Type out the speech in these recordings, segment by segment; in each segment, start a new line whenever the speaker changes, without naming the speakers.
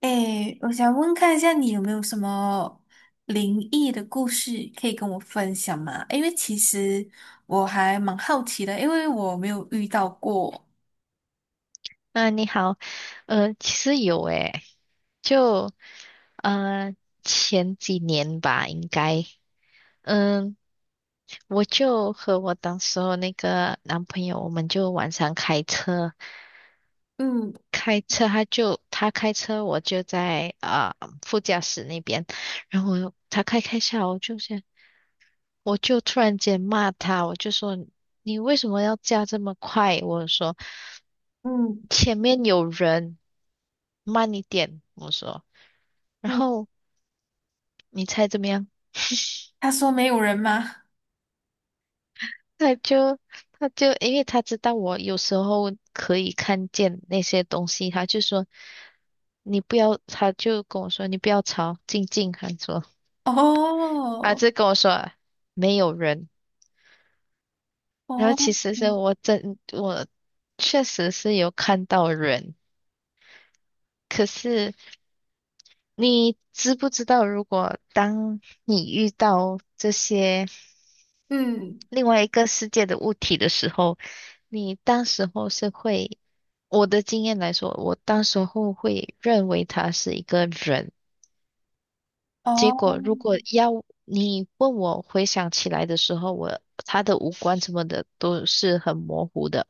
诶，我想问看一下，你有没有什么灵异的故事可以跟我分享吗？因为其实我还蛮好奇的，因为我没有遇到过。
啊，你好，其实有诶，就呃前几年吧，应该，嗯，我就和我当时候那个男朋友，我们就晚上开车，
嗯
他开车，我就在副驾驶那边，然后他开开下，我就想，我就突然间骂他，我就说你为什么要驾这么快？我说
嗯
前面有人，慢一点，我说。然
嗯，
后你猜怎么样？
他说没有人吗？
他就他就因为他知道我有时候可以看见那些东西，他就说你不要，他就跟我说你不要吵，静静，他说 他
哦
就跟我说没有人。然后
哦，
其实是
嗯
我真我确实是有看到人，可是你知不知道，如果当你遇到这些。
嗯
另外一个世界的物体的时候，你当时候是会，我的经验来说，我当时候会认为他是一个人。结
哦
果如果要你问我回想起来的时候，他的五官什么的都是很模糊的。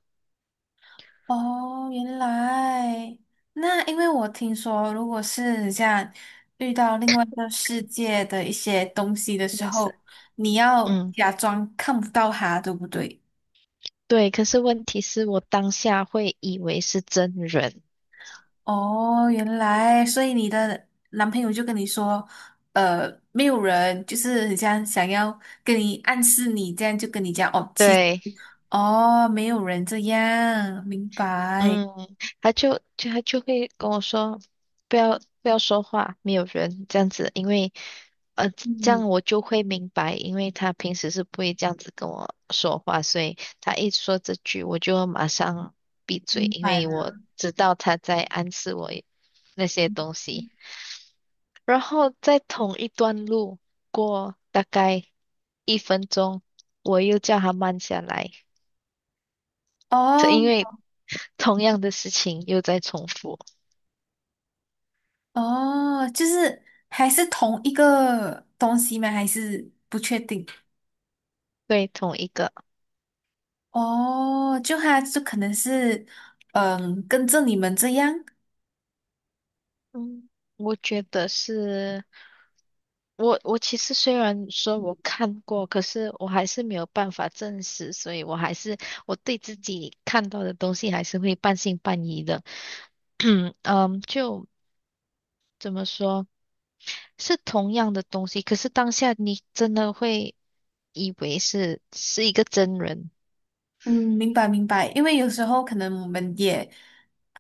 哦，原来那因为我听说，如果是像遇到另外一个世界的一些东西的时
是，
候，你要
嗯，
假装看不到它，对不对？
对。可是问题是我当下会以为是真人。
哦，原来，所以你的男朋友就跟你说，没有人，就是很像想要跟你暗示你，这样就跟你讲，哦，
对，
哦，没有人这样，明白，
嗯，他就会跟我说，不要说话，没有人这样子，因为呃这
嗯，
样我就会明白，因为他平时是不会这样子跟我说话，所以他一说这句，我就马上闭嘴，
明
因
白
为我
了。
知道他在暗示我那些东西。然后在同一段路过大概一分钟，我又叫他慢下来，这
哦
因为同样的事情又在重复。
哦，就是还是同一个东西吗？还是不确定？
对，同一个。
哦，就他就可能是，嗯，跟着你们这样。
嗯，我觉得是，我其实虽然说我看过，可是我还是没有办法证实，所以我还是我对自己看到的东西还是会半信半疑的。嗯，就怎么说，是同样的东西，可是当下你真的会以为是一个真人。
嗯，明白明白，因为有时候可能我们也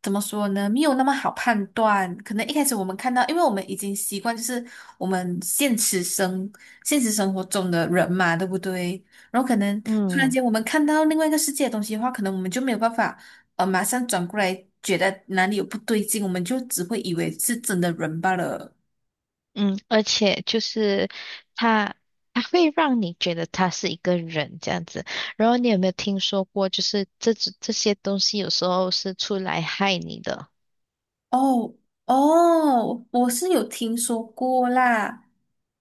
怎么说呢，没有那么好判断。可能一开始我们看到，因为我们已经习惯就是我们现实生活中的人嘛，对不对？然后可能突然
嗯。
间我们看到另外一个世界的东西的话，可能我们就没有办法马上转过来，觉得哪里有不对劲，我们就只会以为是真的人罢了。
嗯，而且就是他，他会让你觉得他是一个人这样子。然后你有没有听说过，就是这些东西有时候是出来害你的。
哦哦，我是有听说过啦，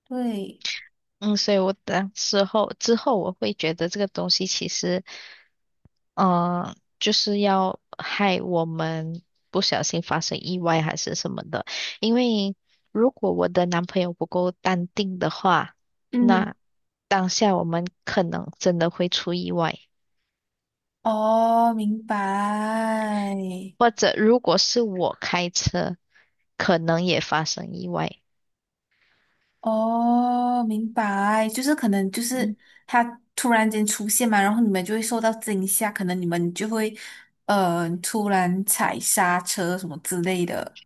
对。
嗯，所以我当时候之后我会觉得这个东西其实，就是要害我们不小心发生意外还是什么的。因为如果我的男朋友不够淡定的话，
嗯，
那当下我们可能真的会出意外。
哦，明白。
或者如果是我开车，可能也发生意外。
哦，明白，就是可能就是
嗯，
他突然间出现嘛，然后你们就会受到惊吓，可能你们就会突然踩刹车什么之类的。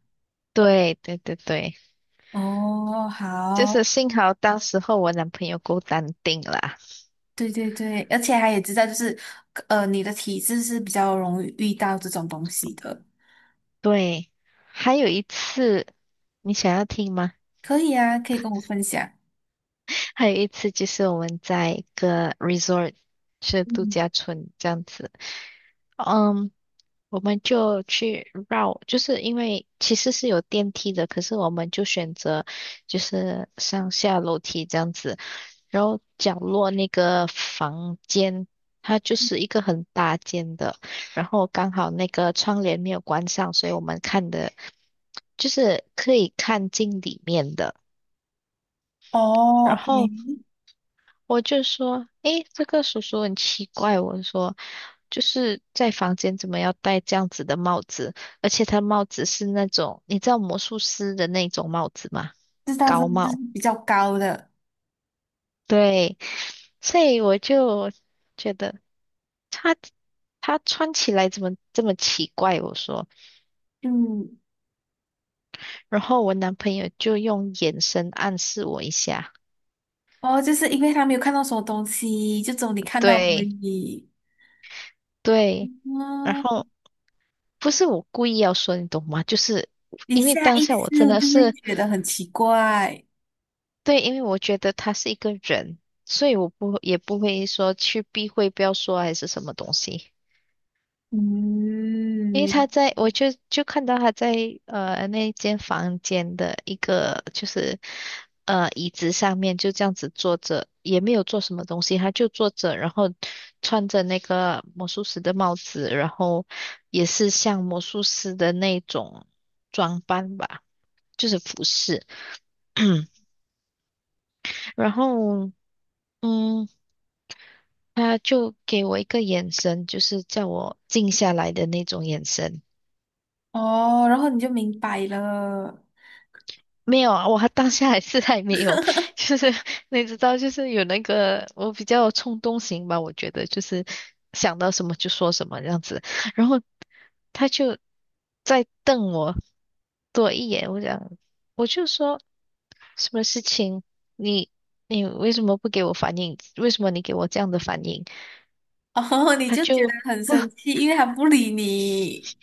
对对对对，
哦，
就是
好，
幸好当时候我男朋友够淡定啦。
对对对，而且他也知道就是你的体质是比较容易遇到这种东西的，
对，还有一次，你想要听吗？
可以啊，可以跟我分享。
还有一次就是我们在一个 resort，是度
嗯，
假村这样子。嗯。我们就去绕，就是因为其实是有电梯的，可是我们就选择就是上下楼梯这样子。然后角落那个房间，它就是一个很大间的，然后刚好那个窗帘没有关上，所以我们看的就是可以看进里面的。
哦
然
，OK，
后。我就说，诶，这个叔叔很奇怪。我说，就是在房间怎么要戴这样子的帽子？而且他帽子是那种，你知道魔术师的那种帽子吗？
知道这道，
高
就是
帽。
比较高的，
对，所以我就觉得他他穿起来怎么这么奇怪？我说，
嗯。
然后我男朋友就用眼神暗示我一下。
哦，就是因为他没有看到什么东西，就只有你看到而
对
已。
对，然
嗯，
后不是我故意要说，你懂吗？就是
你
因为
下
当
意
下
识
我真的
就会
是。
觉得很奇怪。
对，因为我觉得他是一个人，所以我不也不会说去避讳，不要说还是什么东西。因为他
嗯，
在，我就就看到他在那间房间的一个椅子上面就这样子坐着，也没有做什么东西，他就坐着，然后穿着那个魔术师的帽子，然后也是像魔术师的那种装扮吧，就是服饰，然后。嗯，他就给我一个眼神，就是叫我静下来的那种眼神。
哦，然后你就明白了。
没有啊，我还当下还是还没有，就是你知道，就是有那个我比较冲动型吧，我觉得就是想到什么就说什么这样子。然后他就再瞪我多一眼，就说什么事情，你你为什么不给我反应？为什么你给我这样的反应？
哦，你
他
就觉得
就
很生 气，因为他不理你。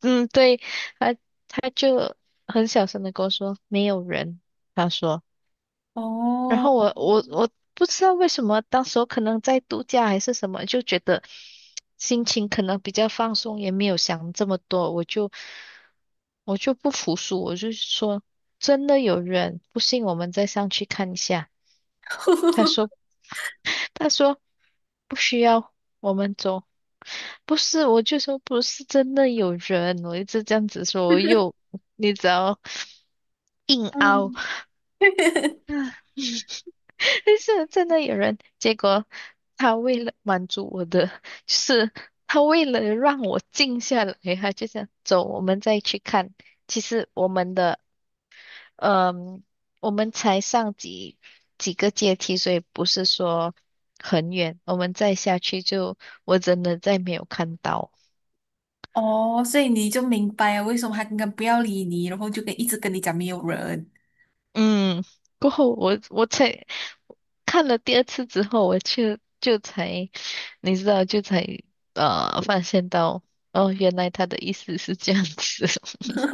嗯，对，他他就很小声的跟我说没有人，他说，然
哦，
后我不知道为什么，当时候可能在度假还是什么，就觉得心情可能比较放松，也没有想这么多，我就不服输，我就说真的有人，不信我们再上去看一下。他说 他说不需要，我们走。不是，我就说不是真的有人，我一直这样子说，你只要硬凹，
嗯，
但 是真的有人。结果他为了满足我的，就是他为了让我静下来，他就想走，我们再去看。其实我们的嗯，我们才上几个阶梯，所以不是说很远。我们再下去就，我真的再没有看到。
哦，所以你就明白了为什么他刚刚不要理你，然后就一直跟你讲没有人。
嗯，过后我才看了第二次之后，我就就才，你知道，就才发现到，哦，原来他的意思是这样子。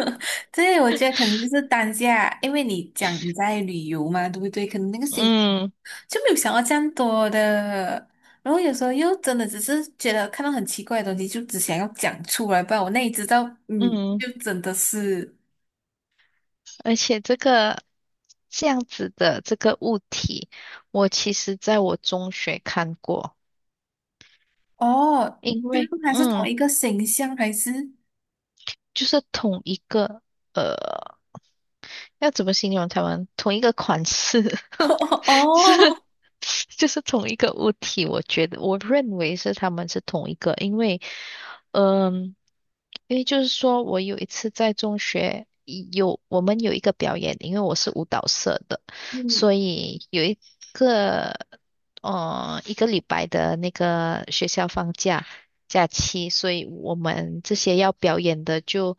对，我觉得可能就是当下，因为你讲你在旅游嘛，对不对？可能那个心
嗯
就没有想到这样多的。然后有时候又真的只是觉得看到很奇怪的东西，就只想要讲出来，不然我那里知道，嗯，
嗯，
就真的是
而且这样子的这个物体，我其实在我中学看过。
哦，
因
就是
为
还是同
嗯，
一个形象，还是
就是同一个呃，要怎么形容他们？同一个款式，就是
哦，
就是同一个物体，我觉得我认为是他们是同一个，因为嗯，因为就是说我有一次在中学我们有一个表演，因为我是舞蹈社的，
嗯，
所以有一个呃一个礼拜的那个学校放假假期，所以我们这些要表演的就。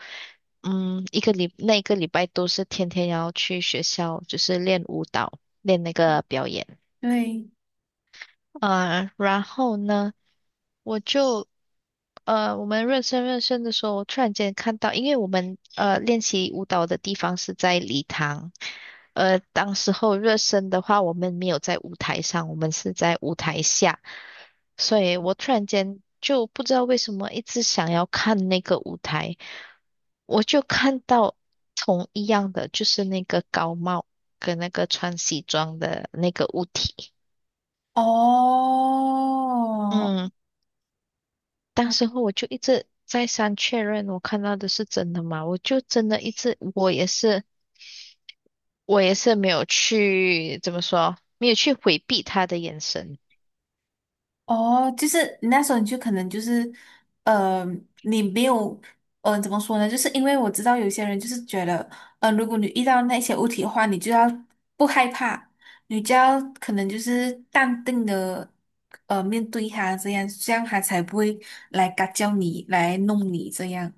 嗯，一个礼那一个礼拜都是天天要去学校，就是练舞蹈。练那个表演。
对，
呃，然后呢，我就呃，我们热身的时候，我突然间看到，因为我们练习舞蹈的地方是在礼堂，呃，当时候热身的话，我们没有在舞台上，我们是在舞台下，所以我突然间就不知道为什么一直想要看那个舞台，我就看到同一样的，就是那个高帽跟那个穿西装的那个物体。
哦。
嗯，当时候我就一直再三确认我看到的是真的吗？我就真的一直，我也是没有去，怎么说，没有去回避他的眼神。
哦，就是那时候你就可能就是，呃，你没有，怎么说呢？就是因为我知道有些人就是觉得，如果你遇到那些物体的话，你就要不害怕，你就要可能就是淡定的，面对它，这样这样它才不会来嘎叫你，来弄你这样。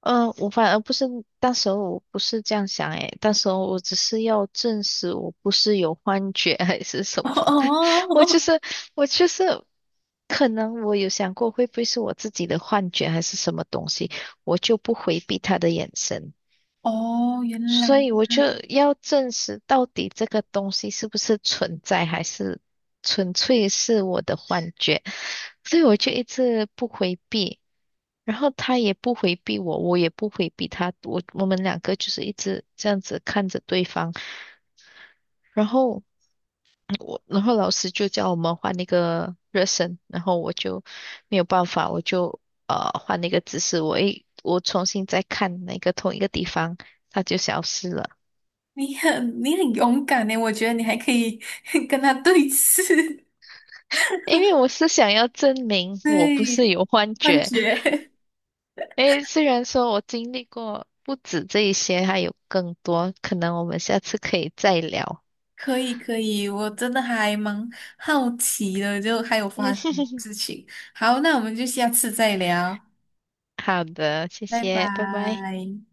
嗯、我反而不是，当时候我不是这样想诶，当时候我只是要证实我不是有幻觉 还是什 么，我就
哦，
是我就是，可能我有想过会不会是我自己的幻觉还是什么东西，我就不回避他的眼神。
哦，原来
所以我就要证实到底这个东西是不是存在，还是纯粹是我的幻觉。所以我就一直不回避，然后他也不回避我，我也不回避他，我们两个就是一直这样子看着对方。然后老师就叫我们换那个热身，然后我就没有办法，我就换那个姿势，我重新再看那个同一个地方，它就消失了。
你很勇敢呢，我觉得你还可以 跟他对峙，
因为我是想要证明 我不是
对，
有幻
幻
觉。
觉。
诶，虽然说我经历过不止这一些，还有更多，可能我们下次可以再聊。
可以可以，我真的还蛮好奇的，就还有发生什么 事情。好，那我们就下次再聊，
好的，谢
拜
谢，拜拜。
拜。